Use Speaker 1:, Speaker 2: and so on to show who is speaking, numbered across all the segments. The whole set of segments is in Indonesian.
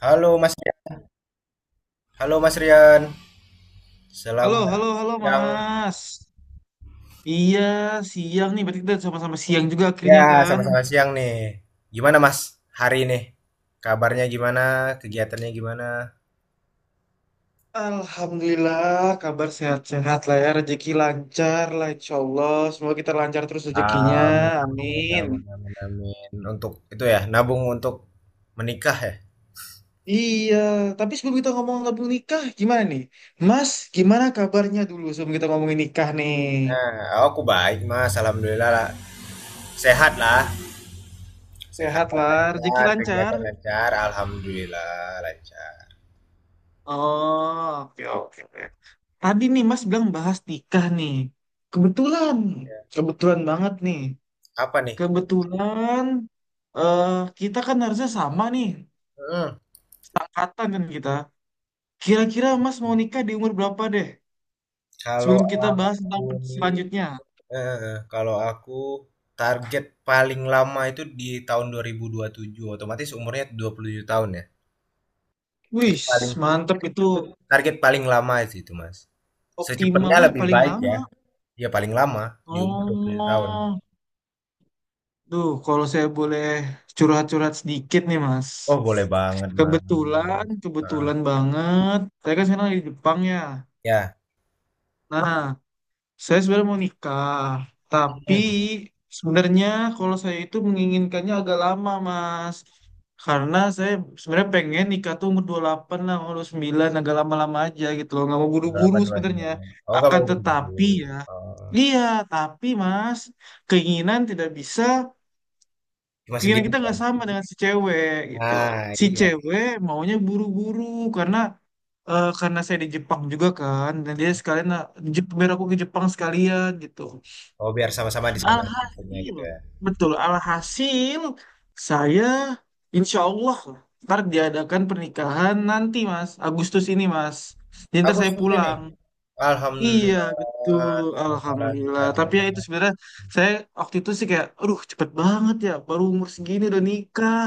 Speaker 1: Halo Mas, halo Mas Rian.
Speaker 2: Halo,
Speaker 1: Selamat
Speaker 2: halo, halo,
Speaker 1: siang.
Speaker 2: Mas. Iya, siang nih. Berarti kita sama-sama siang juga
Speaker 1: Ya,
Speaker 2: akhirnya kan?
Speaker 1: sama-sama siang nih. Gimana Mas hari ini? Kabarnya gimana? Kegiatannya gimana?
Speaker 2: Alhamdulillah, kabar sehat-sehat lah ya. Rezeki lancar lah, insya Allah. Semoga kita lancar terus rezekinya.
Speaker 1: Amin,
Speaker 2: Amin.
Speaker 1: amin, amin, amin. Untuk itu ya, nabung untuk menikah ya.
Speaker 2: Iya, tapi sebelum kita ngomong ngomong nikah, gimana nih? Mas, gimana kabarnya dulu sebelum kita ngomongin nikah nih?
Speaker 1: Nah, aku baik Mas, alhamdulillah lah. Sehat lah. Sehat,
Speaker 2: Sehat lah, rezeki
Speaker 1: lancar,
Speaker 2: lancar.
Speaker 1: kegiatan lancar, alhamdulillah lancar.
Speaker 2: Oh, oke, oke, oke. Tadi nih Mas bilang bahas nikah nih. Kebetulan, kebetulan banget nih.
Speaker 1: Apa nih?
Speaker 2: Kebetulan eh kita kan harusnya sama nih,
Speaker 1: Hmm.
Speaker 2: seangkatan kan kita. Kira-kira Mas mau nikah di umur berapa deh?
Speaker 1: kalau
Speaker 2: Sebelum kita bahas
Speaker 1: aku
Speaker 2: tentang
Speaker 1: nih
Speaker 2: selanjutnya.
Speaker 1: Heeh, kalau aku target paling lama itu di tahun dua dua ribu dua puluh tujuh, otomatis umurnya 27 tahun ya. Itu
Speaker 2: Wih,
Speaker 1: paling
Speaker 2: mantep itu
Speaker 1: itu target paling lama sih itu, Mas.
Speaker 2: optimal
Speaker 1: Secepatnya
Speaker 2: lah
Speaker 1: lebih
Speaker 2: paling
Speaker 1: baik
Speaker 2: lama.
Speaker 1: ya. Ya paling lama di umur 27 tahun.
Speaker 2: Oh. Duh, kalau saya boleh curhat-curhat sedikit nih, Mas.
Speaker 1: Oh, boleh banget, Mas.
Speaker 2: Kebetulan,
Speaker 1: Heeh.
Speaker 2: kebetulan banget. Saya kan sekarang lagi di Jepang ya.
Speaker 1: Ya.
Speaker 2: Nah, saya sebenarnya mau nikah. Tapi
Speaker 1: Hmm.
Speaker 2: sebenarnya kalau saya itu menginginkannya agak lama, Mas. Karena saya sebenarnya pengen nikah tuh umur 28 lah, umur 29 agak lama-lama aja gitu loh. Nggak mau buru-buru
Speaker 1: Delapan dua
Speaker 2: sebenarnya.
Speaker 1: 29. Oh, nggak
Speaker 2: Akan
Speaker 1: mau berdua.
Speaker 2: tetapi ya,
Speaker 1: Oh,
Speaker 2: iya, tapi Mas, keinginan tidak bisa
Speaker 1: cuma
Speaker 2: keinginan
Speaker 1: sendiri.
Speaker 2: kita nggak
Speaker 1: Pak.
Speaker 2: sama dengan si cewek gitu loh.
Speaker 1: Ah,
Speaker 2: Si
Speaker 1: iya.
Speaker 2: cewek maunya buru-buru karena karena saya di Jepang juga kan dan dia sekalian, "Nah, biar aku ke Jepang sekalian gitu."
Speaker 1: Oh, biar sama-sama di sana maksudnya
Speaker 2: Alhasil,
Speaker 1: gitu ya.
Speaker 2: betul, alhasil saya insya Allah ntar diadakan pernikahan nanti Mas Agustus ini Mas. Jadi ntar saya
Speaker 1: Agustus ini.
Speaker 2: pulang. Iya
Speaker 1: Alhamdulillah,
Speaker 2: betul,
Speaker 1: semoga
Speaker 2: alhamdulillah.
Speaker 1: lancar.
Speaker 2: Tapi ya itu sebenarnya saya waktu itu sih kayak, aduh cepet banget ya, baru umur segini udah nikah.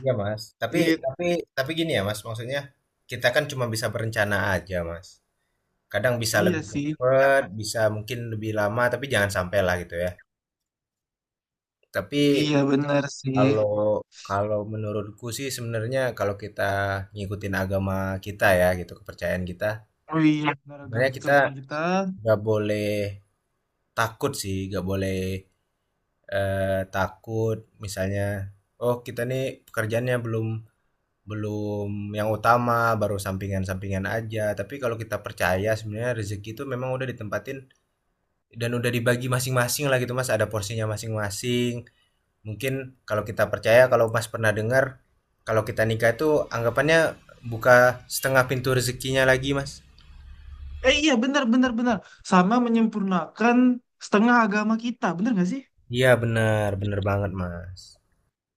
Speaker 1: Iya Mas.
Speaker 2: Iya
Speaker 1: Tapi tapi gini ya Mas, maksudnya kita kan cuma bisa berencana aja Mas. Kadang bisa
Speaker 2: iya
Speaker 1: lebih
Speaker 2: sih.
Speaker 1: cepat, bisa mungkin lebih lama, tapi jangan sampai lah gitu ya. Tapi
Speaker 2: Iya benar sih.
Speaker 1: kalau kalau menurutku sih sebenarnya kalau kita ngikutin agama kita ya gitu, kepercayaan kita,
Speaker 2: Oh iya benar agama
Speaker 1: sebenarnya kita
Speaker 2: pekerjaan kita.
Speaker 1: nggak boleh takut sih, nggak boleh takut, misalnya, oh kita nih pekerjaannya belum belum yang utama, baru sampingan-sampingan aja, tapi kalau kita percaya sebenarnya rezeki itu memang udah ditempatin dan udah dibagi masing-masing lah gitu mas, ada porsinya masing-masing, mungkin kalau kita percaya, kalau mas pernah dengar, kalau kita nikah itu anggapannya buka setengah pintu rezekinya lagi mas.
Speaker 2: Eh iya benar benar benar. Sama menyempurnakan setengah agama kita. Benar nggak sih?
Speaker 1: Iya benar benar banget mas.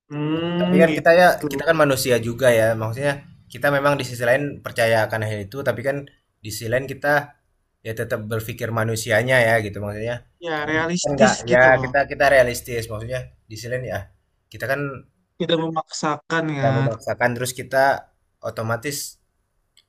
Speaker 2: Hmm,
Speaker 1: Tapi kan kita, ya,
Speaker 2: gitu.
Speaker 1: kita kan manusia juga ya, maksudnya kita memang di sisi lain percaya akan hal itu, tapi kan di sisi lain kita ya tetap berpikir manusianya ya gitu maksudnya.
Speaker 2: Ya
Speaker 1: Karena kita kan nggak,
Speaker 2: realistis
Speaker 1: ya,
Speaker 2: gitu loh.
Speaker 1: kita kita realistis, maksudnya di sisi lain ya, kita kan
Speaker 2: Tidak memaksakan
Speaker 1: tidak
Speaker 2: kan.
Speaker 1: memaksakan, terus kita otomatis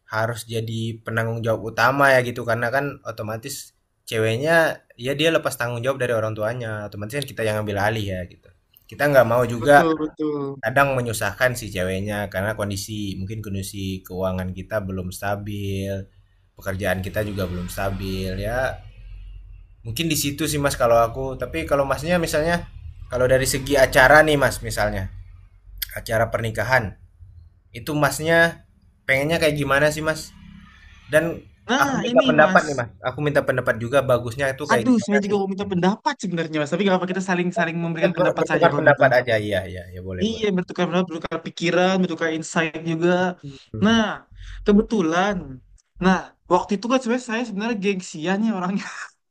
Speaker 1: harus jadi penanggung jawab utama ya gitu karena kan otomatis ceweknya ya dia lepas tanggung jawab dari orang tuanya, otomatis kan kita yang ambil alih ya gitu, kita nggak mau juga
Speaker 2: Betul betul.
Speaker 1: kadang menyusahkan si ceweknya, karena kondisi, mungkin kondisi keuangan kita belum stabil, pekerjaan kita juga belum stabil, ya mungkin di situ sih Mas kalau aku. Tapi kalau Masnya misalnya, kalau dari segi acara nih Mas misalnya, acara pernikahan, itu Masnya pengennya kayak gimana sih Mas? Dan aku
Speaker 2: Nah
Speaker 1: minta
Speaker 2: ini
Speaker 1: pendapat
Speaker 2: Mas.
Speaker 1: nih Mas, aku minta pendapat juga bagusnya itu kayak
Speaker 2: Aduh
Speaker 1: gimana,
Speaker 2: saya juga mau minta pendapat sebenarnya Mas. Tapi nggak apa kita saling saling
Speaker 1: kita
Speaker 2: memberikan pendapat saja
Speaker 1: bertukar
Speaker 2: kalau gitu.
Speaker 1: pendapat aja, iya iya, ya boleh
Speaker 2: Iya,
Speaker 1: boleh.
Speaker 2: bertukar pendapat, bertukar pikiran, bertukar insight juga.
Speaker 1: Hmm.
Speaker 2: Nah, kebetulan. Nah, waktu itu kan sebenarnya saya sebenarnya gengsian ya orangnya.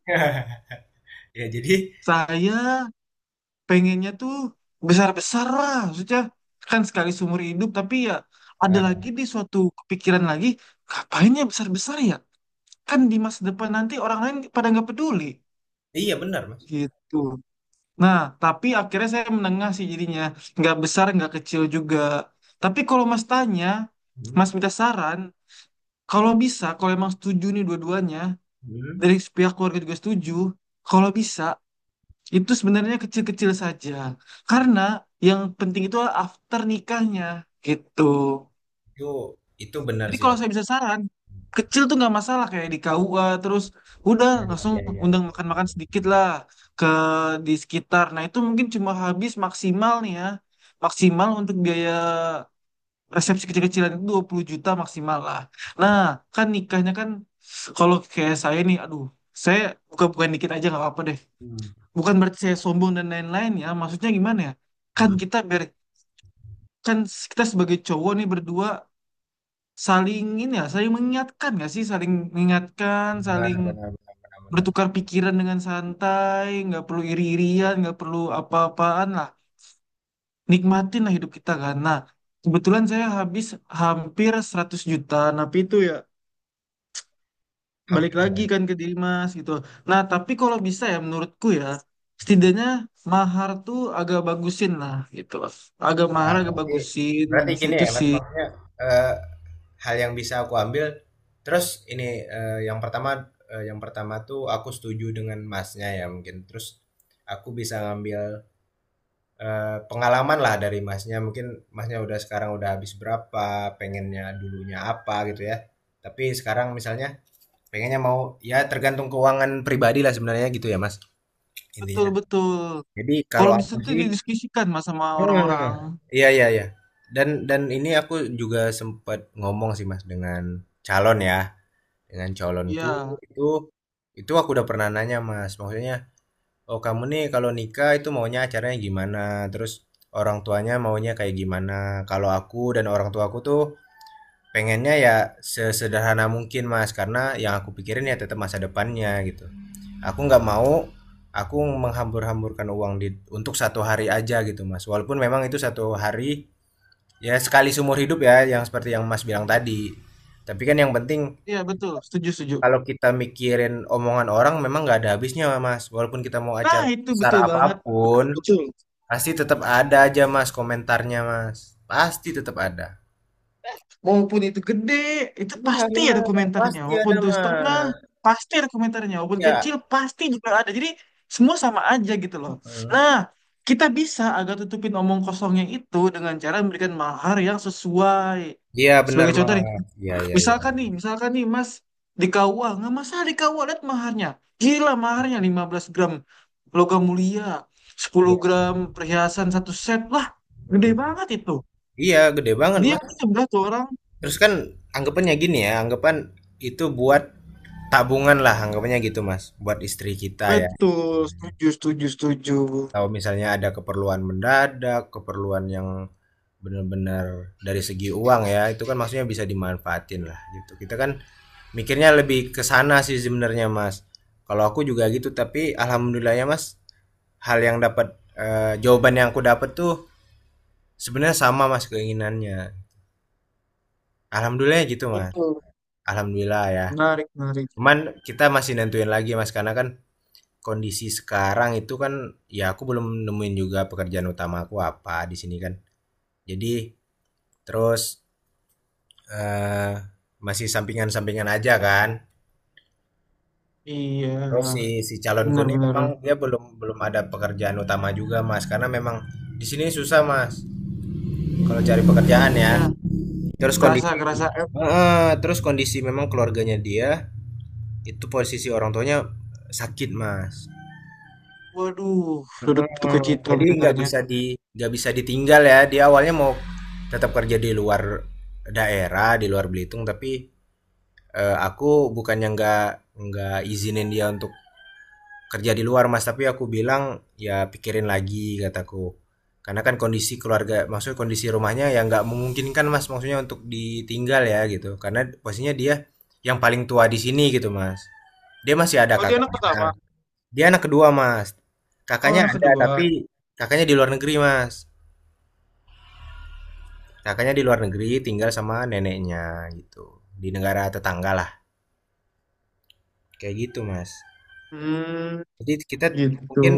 Speaker 1: Ya jadi,
Speaker 2: Saya pengennya tuh besar-besar lah. Maksudnya kan sekali seumur hidup, tapi ya ada lagi
Speaker 1: eh,
Speaker 2: di suatu kepikiran lagi, ngapain ya besar-besar ya? Kan di masa depan nanti orang lain pada nggak peduli.
Speaker 1: iya benar Mas.
Speaker 2: Gitu. Nah, tapi akhirnya saya menengah sih jadinya. Nggak besar, nggak kecil juga. Tapi kalau Mas tanya, Mas
Speaker 1: Hmm,
Speaker 2: minta saran, kalau bisa, kalau emang setuju nih dua-duanya,
Speaker 1: hmm.
Speaker 2: dari pihak keluarga juga setuju, kalau bisa, itu sebenarnya kecil-kecil saja. Karena yang penting itu adalah after nikahnya, gitu.
Speaker 1: Itu itu benar
Speaker 2: Jadi
Speaker 1: sih. Ya,
Speaker 2: kalau saya bisa saran, kecil tuh nggak masalah kayak di KUA terus udah
Speaker 1: ya,
Speaker 2: langsung
Speaker 1: ya, ya, ya,
Speaker 2: undang
Speaker 1: ya.
Speaker 2: makan-makan sedikit lah ke di sekitar. Nah itu mungkin cuma habis maksimal nih ya, maksimal untuk biaya resepsi kecil-kecilan itu 20 juta maksimal lah. Nah kan nikahnya kan kalau kayak saya nih, aduh saya buka-bukaan dikit aja nggak apa-apa deh.
Speaker 1: Hmm.
Speaker 2: Bukan berarti saya sombong dan lain-lain ya, maksudnya gimana ya? Kan
Speaker 1: Hmm.
Speaker 2: kita ber kan kita sebagai cowok nih berdua saling ini ya, saling mengingatkan nggak sih? Saling mengingatkan,
Speaker 1: Benar,
Speaker 2: saling
Speaker 1: benar, benar, benar, benar.
Speaker 2: bertukar pikiran dengan santai, nggak perlu iri-irian, nggak perlu apa-apaan lah. Nikmatin lah hidup kita kan. Nah, kebetulan saya habis hampir 100 juta, tapi itu ya balik
Speaker 1: Hampir,
Speaker 2: lagi
Speaker 1: ya.
Speaker 2: kan ke diri mas gitu. Nah, tapi kalau bisa ya menurutku ya, setidaknya mahar tuh agak bagusin lah gitu loh. Agak mahar
Speaker 1: Nah,
Speaker 2: agak
Speaker 1: berarti
Speaker 2: bagusin,
Speaker 1: berarti gini
Speaker 2: situ
Speaker 1: ya, Mas,
Speaker 2: sih.
Speaker 1: maksudnya eh, hal yang bisa aku ambil, terus ini, eh, yang pertama yang pertama tuh aku setuju dengan Masnya ya mungkin. Terus aku bisa ngambil pengalaman lah dari Masnya. Mungkin Masnya udah, sekarang udah habis berapa, pengennya dulunya apa gitu ya. Tapi sekarang misalnya pengennya mau, ya tergantung keuangan pribadi lah sebenarnya gitu ya Mas, intinya.
Speaker 2: Betul-betul.
Speaker 1: Jadi
Speaker 2: Kalau
Speaker 1: kalau
Speaker 2: bisa
Speaker 1: aku
Speaker 2: tuh
Speaker 1: sih,
Speaker 2: didiskusikan mas sama
Speaker 1: hmm,
Speaker 2: orang-orang.
Speaker 1: iya iya iya. Dan ini aku juga sempat ngomong sih Mas dengan calon ya, dengan calonku,
Speaker 2: Iya,
Speaker 1: itu itu aku udah pernah nanya Mas, maksudnya, "Oh kamu nih kalau nikah itu maunya acaranya gimana? Terus orang tuanya maunya kayak gimana?" Kalau aku dan orang tuaku tuh pengennya ya sesederhana mungkin Mas, karena yang aku pikirin ya tetap masa depannya gitu. Aku nggak mau aku menghambur-hamburkan uang untuk satu hari aja gitu Mas. Walaupun memang itu satu hari, ya, sekali seumur hidup ya, yang seperti yang Mas bilang tadi. Tapi kan yang penting
Speaker 2: iya betul, setuju setuju.
Speaker 1: kalau kita mikirin omongan orang memang nggak ada habisnya Mas. Walaupun kita mau
Speaker 2: Nah
Speaker 1: acara
Speaker 2: itu
Speaker 1: besar
Speaker 2: betul banget,
Speaker 1: apapun,
Speaker 2: betul betul.
Speaker 1: pasti tetap ada aja Mas komentarnya Mas. Pasti tetap ada.
Speaker 2: Maupun itu gede, itu
Speaker 1: Iya
Speaker 2: pasti ada
Speaker 1: benar,
Speaker 2: komentarnya.
Speaker 1: pasti
Speaker 2: Maupun
Speaker 1: ada
Speaker 2: itu setengah,
Speaker 1: Mas.
Speaker 2: pasti ada komentarnya. Maupun
Speaker 1: Ya.
Speaker 2: kecil, pasti juga ada. Jadi semua sama aja gitu loh.
Speaker 1: Mhm.
Speaker 2: Nah kita bisa agak tutupin omong kosongnya itu dengan cara memberikan mahar yang sesuai.
Speaker 1: Iya benar
Speaker 2: Sebagai contoh nih,
Speaker 1: Mas. Iya iya iya.
Speaker 2: misalkan nih, misalkan nih Mas di KUA, nggak masalah di KUA, lihat maharnya. Gila maharnya 15 gram logam mulia, sepuluh
Speaker 1: Iya.
Speaker 2: gram perhiasan satu set. Lah, gede
Speaker 1: Mhm.
Speaker 2: banget itu.
Speaker 1: Iya gede banget,
Speaker 2: Dia
Speaker 1: Mas.
Speaker 2: sebelah tuh orang.
Speaker 1: Terus kan anggapannya gini ya, anggapan itu buat tabungan lah anggapannya gitu, Mas, buat istri kita ya.
Speaker 2: Betul, setuju, setuju, setuju.
Speaker 1: Kalau misalnya ada keperluan mendadak, keperluan yang benar-benar dari segi uang ya, itu kan maksudnya bisa dimanfaatin lah gitu. Kita kan mikirnya lebih ke sana sih sebenarnya, Mas. Kalau aku juga gitu, tapi alhamdulillahnya, Mas, hal yang dapat, eee, jawaban yang aku dapat tuh sebenarnya sama mas keinginannya, alhamdulillah gitu mas,
Speaker 2: Betul.
Speaker 1: alhamdulillah ya,
Speaker 2: Menarik, menarik.
Speaker 1: cuman kita masih nentuin lagi mas karena kan kondisi sekarang itu kan ya aku belum nemuin juga pekerjaan utama aku apa di sini kan, jadi, terus eh, masih sampingan-sampingan aja kan, terus
Speaker 2: Iya,
Speaker 1: si si calonku ini memang
Speaker 2: benar-benar.
Speaker 1: dia belum belum ada pekerjaan utama juga mas, karena memang di sini susah mas kalau cari pekerjaan ya,
Speaker 2: Ya,
Speaker 1: terus
Speaker 2: kerasa,
Speaker 1: kondisi,
Speaker 2: kerasa. Eh,
Speaker 1: heeh, terus kondisi memang keluarganya dia itu posisi orang tuanya sakit mas.
Speaker 2: waduh, turut duka
Speaker 1: Mm,
Speaker 2: cita
Speaker 1: jadi
Speaker 2: mendengarnya.
Speaker 1: nggak bisa ditinggal ya, dia awalnya mau tetap kerja di luar daerah, di luar Belitung, tapi aku bukannya nggak izinin dia untuk kerja di luar mas, tapi aku bilang, ya pikirin lagi, kataku, karena kan kondisi keluarga maksudnya kondisi rumahnya yang nggak memungkinkan mas, maksudnya untuk ditinggal ya gitu, karena posisinya dia yang paling tua di sini gitu mas, dia masih ada
Speaker 2: Oh, dia anak pertama.
Speaker 1: kakaknya. Dia anak kedua, Mas.
Speaker 2: Oh,
Speaker 1: Kakaknya
Speaker 2: anak
Speaker 1: ada,
Speaker 2: kedua.
Speaker 1: tapi kakaknya di luar negeri, Mas. Kakaknya di luar negeri, tinggal sama neneknya gitu. Di negara tetangga lah. Kayak gitu, Mas.
Speaker 2: Hmm,
Speaker 1: Jadi kita
Speaker 2: gitu.
Speaker 1: mungkin,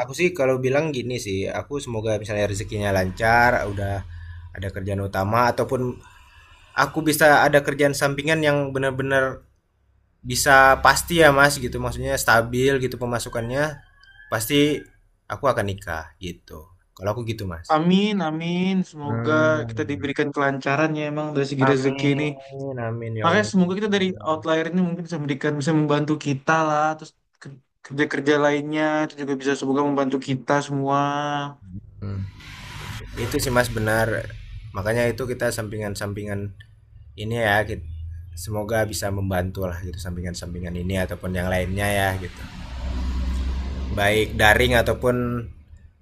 Speaker 1: aku sih kalau bilang gini sih, aku semoga misalnya rezekinya lancar, udah ada kerjaan utama ataupun aku bisa ada kerjaan sampingan yang benar-benar bisa pasti ya, Mas, gitu. Maksudnya stabil gitu pemasukannya, pasti aku akan nikah gitu. Kalau aku gitu, Mas.
Speaker 2: Amin, amin. Semoga kita
Speaker 1: Hmm.
Speaker 2: diberikan kelancaran ya emang dari segi rezeki ini.
Speaker 1: Amin, amin ya
Speaker 2: Makanya
Speaker 1: Allah.
Speaker 2: semoga kita dari outlier ini mungkin bisa memberikan, bisa membantu kita lah. Terus ke- kerja-kerja lainnya itu juga bisa semoga membantu kita semua.
Speaker 1: Hmm.
Speaker 2: Gitu.
Speaker 1: Itu sih Mas benar. Makanya itu kita sampingan-sampingan ini ya, semoga bisa membantu lah gitu sampingan-sampingan ini ataupun yang lainnya ya gitu. Baik daring ataupun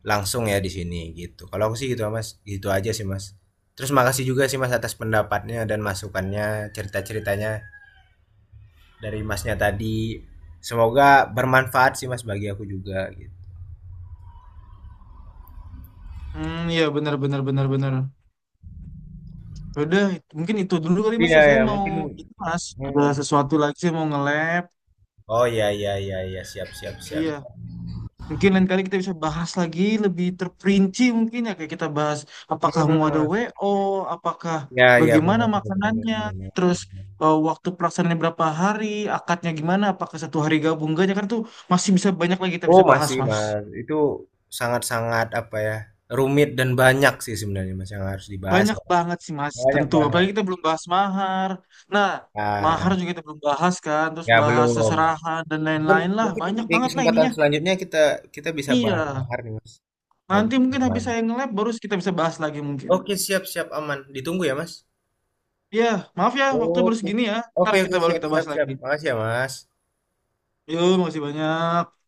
Speaker 1: langsung ya di sini gitu. Kalau aku sih gitu Mas, gitu aja sih Mas. Terus makasih juga sih Mas atas pendapatnya dan masukannya, cerita-ceritanya dari Masnya tadi. Semoga bermanfaat sih Mas bagi aku juga gitu.
Speaker 2: Hmm, ya benar, benar, benar, benar. Ya udah, mungkin itu dulu kali mas,
Speaker 1: Iya
Speaker 2: ya. Saya
Speaker 1: ya
Speaker 2: mau,
Speaker 1: mungkin,
Speaker 2: ini mas, ada
Speaker 1: hmm.
Speaker 2: sesuatu lagi saya mau nge-lab.
Speaker 1: Oh iya iya iya iya, siap siap siap.
Speaker 2: Iya. Mungkin lain kali kita bisa bahas lagi lebih terperinci mungkin ya kayak kita bahas apakah
Speaker 1: Hmm.
Speaker 2: mau ada WO, apakah
Speaker 1: Ya, ya,
Speaker 2: bagaimana
Speaker 1: benar, benar, benar,
Speaker 2: makanannya,
Speaker 1: benar, benar.
Speaker 2: terus waktu pelaksanaannya berapa hari, akadnya gimana, apakah satu hari gabung enggaknya kan tuh masih bisa banyak lagi kita
Speaker 1: Oh
Speaker 2: bisa bahas
Speaker 1: masih
Speaker 2: Mas.
Speaker 1: mas, itu sangat sangat apa ya, rumit dan banyak sih sebenarnya mas yang harus dibahas.
Speaker 2: Banyak banget sih Mas,
Speaker 1: Banyak
Speaker 2: tentu.
Speaker 1: banget.
Speaker 2: Apalagi kita belum bahas mahar. Nah,
Speaker 1: Ah
Speaker 2: mahar juga kita belum bahas kan, terus
Speaker 1: ya
Speaker 2: bahas
Speaker 1: belum.
Speaker 2: seserahan dan
Speaker 1: Mungkin
Speaker 2: lain-lain lah.
Speaker 1: mungkin
Speaker 2: Banyak
Speaker 1: di
Speaker 2: banget lah
Speaker 1: kesempatan
Speaker 2: ininya.
Speaker 1: selanjutnya kita kita bisa bahas
Speaker 2: Iya.
Speaker 1: bahar nih mas. Bagus
Speaker 2: Nanti mungkin habis
Speaker 1: banget.
Speaker 2: saya nge baru kita bisa bahas lagi mungkin.
Speaker 1: Oke siap siap aman. Ditunggu ya mas.
Speaker 2: Iya, maaf ya, waktu baru
Speaker 1: Oke.
Speaker 2: segini ya. Ntar
Speaker 1: Oke oke
Speaker 2: kita baru
Speaker 1: siap
Speaker 2: kita
Speaker 1: siap
Speaker 2: bahas
Speaker 1: siap.
Speaker 2: lagi.
Speaker 1: Makasih ya mas.
Speaker 2: Yuk, makasih banyak.